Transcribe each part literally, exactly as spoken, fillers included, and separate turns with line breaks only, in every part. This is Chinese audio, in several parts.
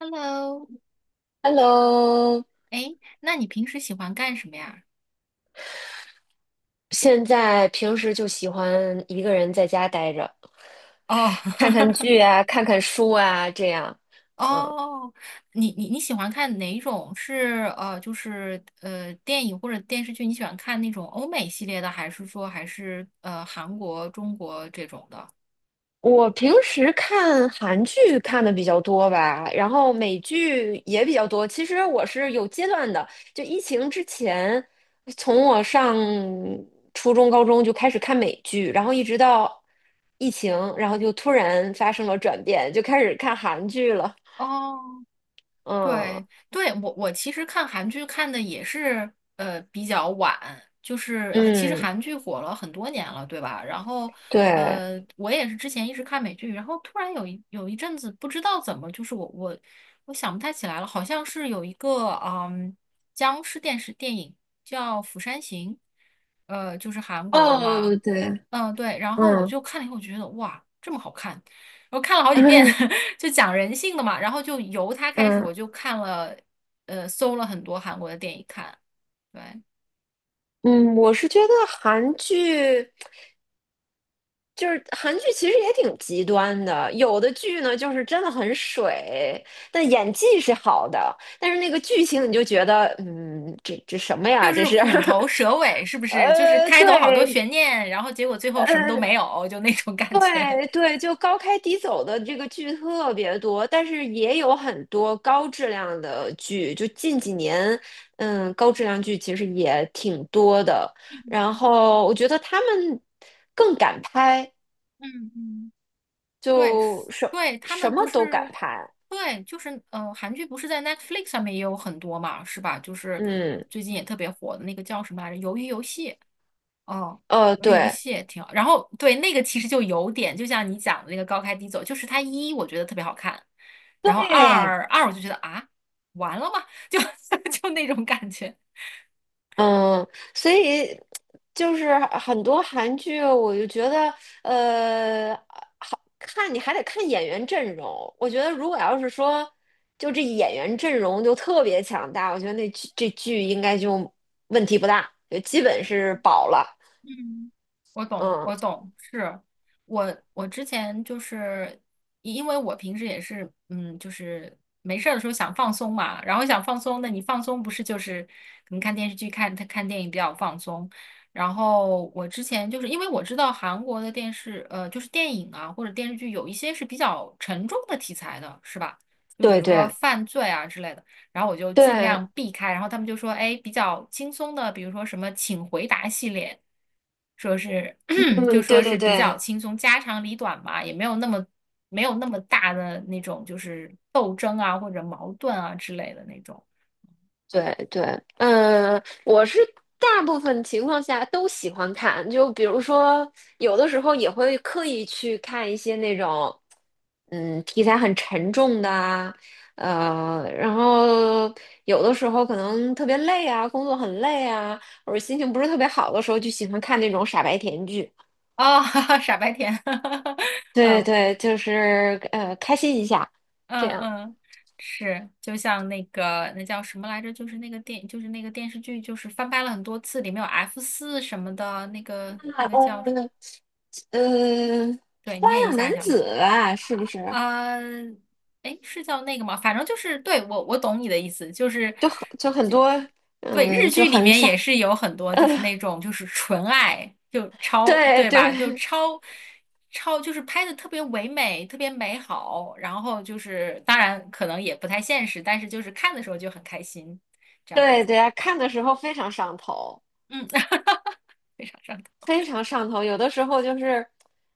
Hello，
Hello，
那你平时喜欢干什么呀？
现在平时就喜欢一个人在家待着，
哦，
看看剧啊，看看书啊，这样。嗯，
哦，你你你喜欢看哪一种？是呃，就是呃，电影或者电视剧？你喜欢看那种欧美系列的，还是说还是呃韩国、中国这种的？
我平时看韩剧看的比较多吧，然后美剧也比较多。其实我是有阶段的，就疫情之前，从我上初中、高中就开始看美剧，然后一直到疫情，然后就突然发生了转变，就开始看韩剧了。
哦
嗯
对对，我我其实看韩剧看的也是呃比较晚，就是其实
嗯，
韩剧火了很多年了，对吧？然后
对。
呃，我也是之前一直看美剧，然后突然有一有一阵子不知道怎么，就是我我我想不太起来了，好像是有一个嗯僵尸电视电影叫《釜山行》，呃，就是韩国的嘛。
哦，对，
嗯，对，然后我
嗯
就看了以后，我觉得哇，这么好看，我看了好几遍，就讲人性的嘛，然后就由他开始，
嗯
我就看了，呃，搜了很多韩国的电影看，对，
嗯，我是觉得韩剧就是韩剧，其实也挺极端的。有的剧呢，就是真的很水，但演技是好的，但是那个剧情你就觉得，嗯，这这什么
就
呀？这
是
是，
虎头蛇尾，是不 是？就是
呃，
开头好多
对，
悬念，然后结果最后什么都
呃。
没有，就那种感觉。
对对，就高开低走的这个剧特别多，但是也有很多高质量的剧。就近几年，嗯，高质量剧其实也挺多的。然
嗯
后我觉得他们更敢拍，
嗯嗯，对，
就
是
什
对，他
什
们
么
不
都
是，
敢拍。
对，就是呃，韩剧不是在 Netflix 上面也有很多嘛，是吧？就是
嗯，
最近也特别火的那个叫什么来着，《鱿鱼游戏》。哦，
呃，
玩游
对
戏也挺好。然后对那个其实就有点，就像你讲的那个高开低走，就是它一我觉得特别好看，然后
对。
二二我就觉得啊，完了吗？就 就那种感觉。
嗯，所以就是很多韩剧，我就觉得，呃，好看你还得看演员阵容。我觉得如果要是说，就这演员阵容就特别强大，我觉得那剧这剧应该就问题不大，就基本是保了。
嗯，我懂，
嗯，
我懂，是我我之前就是因因为我平时也是，嗯，就是没事儿的时候想放松嘛，然后想放松，那你放松不是就是可能看电视剧、看看电影比较放松。然后我之前就是因为我知道韩国的电视，呃，就是电影啊或者电视剧有一些是比较沉重的题材的，是吧？就是比
对
如说
对
犯罪啊之类的。然后我就尽
对，
量避开。然后他们就说，哎，比较轻松的，比如说什么请回答系列，说是 就
嗯，
说
对对
是比较
对，
轻松，家长里短嘛，也没有那么没有那么大的那种就是斗争啊或者矛盾啊之类的那种。
对对，嗯，我是大部分情况下都喜欢看，就比如说有的时候也会刻意去看一些那种，嗯，题材很沉重的啊，呃，然后有的时候可能特别累啊，工作很累啊，或者心情不是特别好的时候，就喜欢看那种傻白甜剧。
哦，傻白甜，
对
嗯
对，就是呃，开心一下，这
嗯
样。
嗯，是，就像那个那叫什么来着，就是那个电，就是那个电视剧，就是翻拍了很多次，里面有 F 四什么的，那个
那
那个叫，
嗯，呃，
对，
花
你也一
样男
下想不
子啊是不是？
啊，哎，是叫那个吗？反正就是，对，我我懂你的意思，就是，
就很就很多，
对，日
嗯，就
剧里
很
面
闪，
也是有很多
呃，
就是那 种就是纯爱，就超，
对
对吧？就
对
超超就是拍的特别唯美，特别美好，然后就是当然可能也不太现实，但是就是看的时候就很开心，这样，
对对啊，看的时候非常上头，
嗯，非常上头
非常上头。有的时候就是，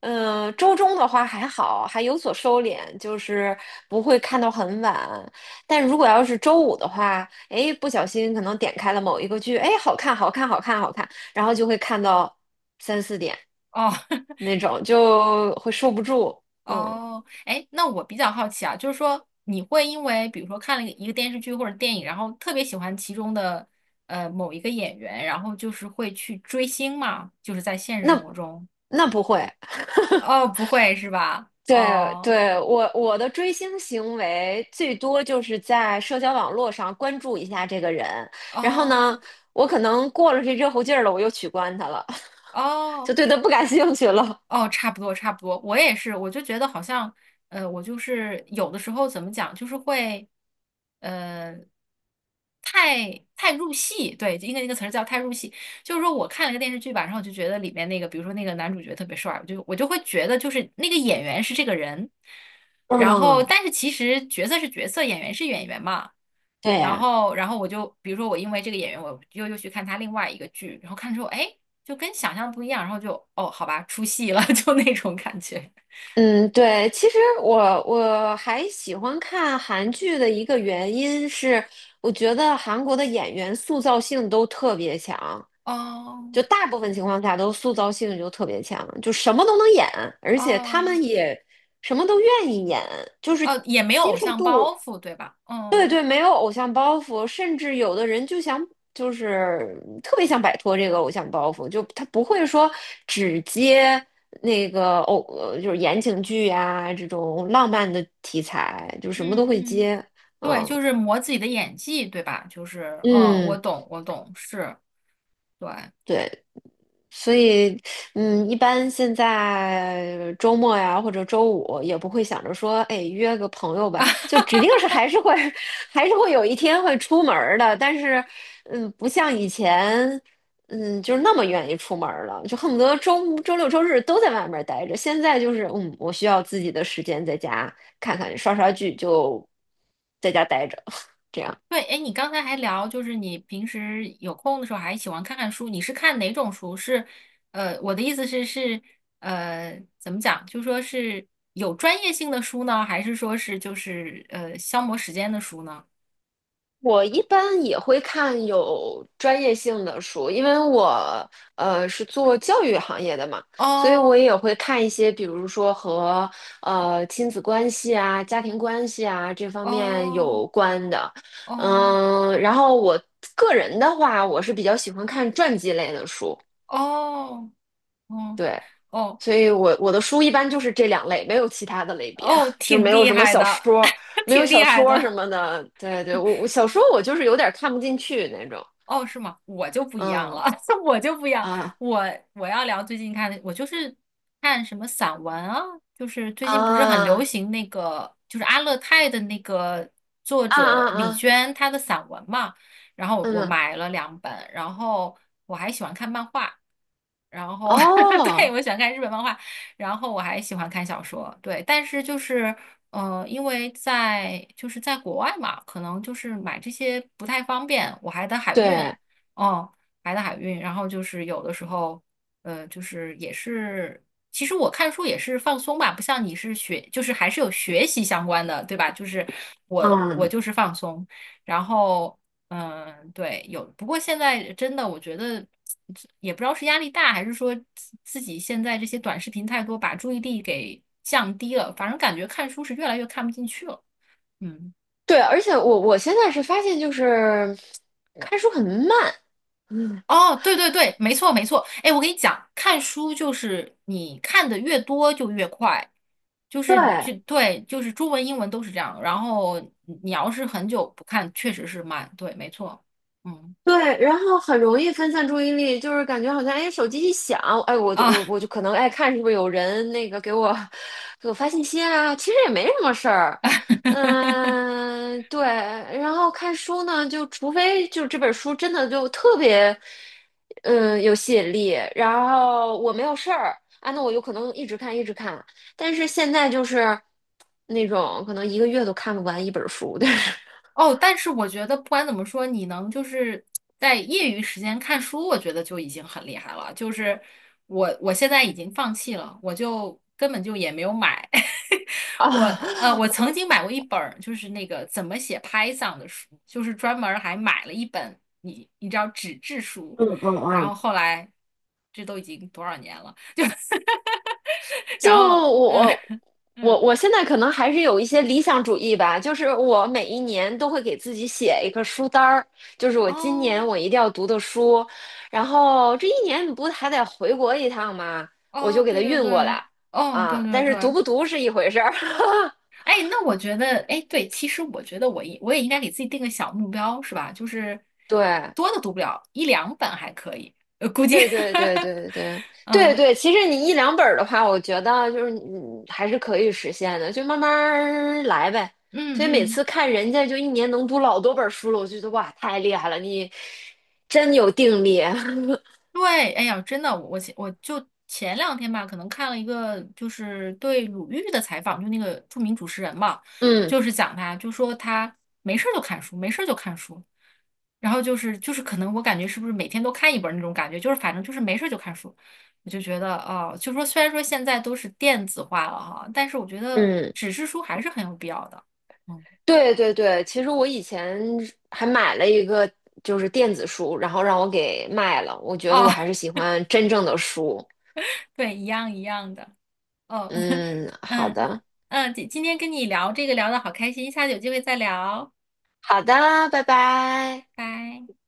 嗯，周中的话还好，还有所收敛，就是不会看到很晚。但如果要是周五的话，哎，不小心可能点开了某一个剧，哎，好看，好看，好看，好看，然后就会看到三四点
哦。
那种，就会受不住。嗯，
哦，哎，那我比较好奇啊，就是说你会因为比如说看了一个电视剧或者电影，然后特别喜欢其中的呃某一个演员，然后就是会去追星吗？就是在现实生
那
活中？
那不会。
哦，不会是吧？
对
哦
对，我我的追星行为最多就是在社交网络上关注一下这个人，然后呢，
哦
我可能过了这热乎劲儿了，我又取关他了，就
哦
对他不感兴趣了。
哦，差不多，差不多，我也是，我就觉得好像，呃，我就是有的时候怎么讲，就是会，呃，太太入戏，对，应该那个词儿叫太入戏，就是说我看了个电视剧吧，然后我就觉得里面那个，比如说那个男主角特别帅，我就我就会觉得就是那个演员是这个人，然后
嗯，
但是其实角色是角色，演员是演员嘛，
对
然
呀。
后，然后我就比如说我因为这个演员，我又又去看他另外一个剧，然后看之后，哎，就跟想象不一样，然后就哦，好吧，出戏了，就那种感觉。
嗯，对，其实我我还喜欢看韩剧的一个原因是，我觉得韩国的演员塑造性都特别强，
哦
就大部分情况下都塑造性就特别强，就什么都能演，而且他
哦
们也什么都愿意演，就是
哦，也没有
接
偶
受
像包
度。
袱，对吧？
对
哦，
对，没有偶像包袱，甚至有的人就想，就是特别想摆脱这个偶像包袱，就他不会说只接那个偶，呃就是言情剧呀、这种浪漫的题材，就什么都
嗯
会
嗯，
接。
对，
嗯
就是磨自己的演技，对吧？就是，嗯，我
嗯，
懂，我懂，是，对。
对。所以，嗯，一般现在周末呀，或者周五也不会想着说，哎，约个朋友吧，就指定是还是会，还是会有一天会出门儿的。但是，嗯，不像以前，嗯，就是那么愿意出门儿了，就恨不得周周六周日都在外面儿待着。现在就是，嗯，我需要自己的时间在家看看刷刷剧，就在家待着，这样。
对，哎，你刚才还聊，就是你平时有空的时候还喜欢看看书，你是看哪种书？是，呃，我的意思是是，呃，怎么讲？就说是有专业性的书呢，还是说是就是呃消磨时间的书呢？
我一般也会看有专业性的书，因为我呃是做教育行业的嘛，所以我
哦
也会看一些，比如说和呃亲子关系啊、家庭关系啊这方面
哦
有关的。
哦
嗯，然后我个人的话，我是比较喜欢看传记类的书，
哦哦
对，
哦
所以我我的书一般就是这两类，没有其他的类别，
哦，
就是没
挺
有
厉
什么
害
小
的，
说。没有
挺厉
小
害
说什
的。
么的，对对，我我小说我就是有点看不进去那种。
哦，是吗？我就不一样
嗯
了，我就不一样。
啊
我我要聊最近看的，我就是看什么散文啊，就是最近不是很流
啊
行那个，就是阿勒泰的那个作
啊
者
啊
李
啊，
娟她的散文嘛。然后我
嗯，
买了两本，然后我还喜欢看漫画，然后 对，
哦，
我喜欢看日本漫画，然后我还喜欢看小说，对。但是就是呃，因为在就是在国外嘛，可能就是买这些不太方便，我还得海运，
对，
哦，还得海运，然后就是有的时候，呃，就是也是，其实我看书也是放松吧，不像你是学，就是还是有学习相关的，对吧？就是我我
嗯，
就是放松，然后嗯，对，有。不过现在真的，我觉得也不知道是压力大，还是说自自己现在这些短视频太多，把注意力给降低了。反正感觉看书是越来越看不进去了。嗯，
对，而且我我现在是发现就是看书很慢，嗯，
哦，对对对，没错没错。哎，我跟你讲，看书就是你看的越多就越快，就是
对，
就对，就是中文英文都是这样。然后你你要是很久不看，确实是慢。对，没错。嗯
对，然后很容易分散注意力，就是感觉好像哎，手机一响，哎，我就
啊。
我我就可能爱看是不是有人那个给我给我发信息啊，其实也没什么事儿，嗯，对。然后看书呢，就除非就这本书真的就特别，嗯，有吸引力，然后我没有事儿啊，那我有可能一直看一直看。但是现在就是那种可能一个月都看不完一本书，就是
哦，但是我觉得不管怎么说，你能就是在业余时间看书，我觉得就已经很厉害了。就是我我现在已经放弃了，我就根本就也没有买。我呃，
啊，
我曾经买过一本儿，就是那个怎么写 Python 的书，就是专门儿还买了一本，你你知道纸质书，
嗯嗯
然后
嗯。
后来这都已经多少年了，就
就
然后嗯
我我
嗯
我现在可能还是有一些理想主义吧，就是我每一年都会给自己写一个书单儿，就是我今年
哦
我一定要读的书，然后这一年你不还得回国一趟吗？我
哦
就给
对
它
对
运
对
过来
哦对
啊，
对
但是读
对。
不读是一回事儿，
哎，那我觉得，哎，对，其实我觉得我应我也应该给自己定个小目标，是吧？就是
对。
多的读不了，一两本还可以，呃，估计，
对对对 对对对
嗯
对，其实你一两本儿的话，我觉得就是你还是可以实现的，就慢慢儿来呗。
嗯
所以每
嗯。
次看人家就一年能读老多本儿书了，我就觉得哇，太厉害了，你真有定力。
对，哎呀，真的，我前我就前两天吧，可能看了一个就是对鲁豫的采访，就那个著名主持人嘛，
嗯
就是讲他，就说他没事儿就看书，没事儿就看书，然后就是就是可能我感觉是不是每天都看一本儿那种感觉，就是反正就是没事儿就看书，我就觉得哦，就说虽然说现在都是电子化了哈，但是我觉得
嗯，
纸质书还是很有必要的。嗯，
对对对，其实我以前还买了一个就是电子书，然后让我给卖了。我觉得
哦，
我还是喜欢真正的书。
对，一样一样的。哦，
嗯，好
嗯
的
嗯，今今天跟你聊这个聊的好开心，下次有机会再聊，
好的，拜拜。
拜。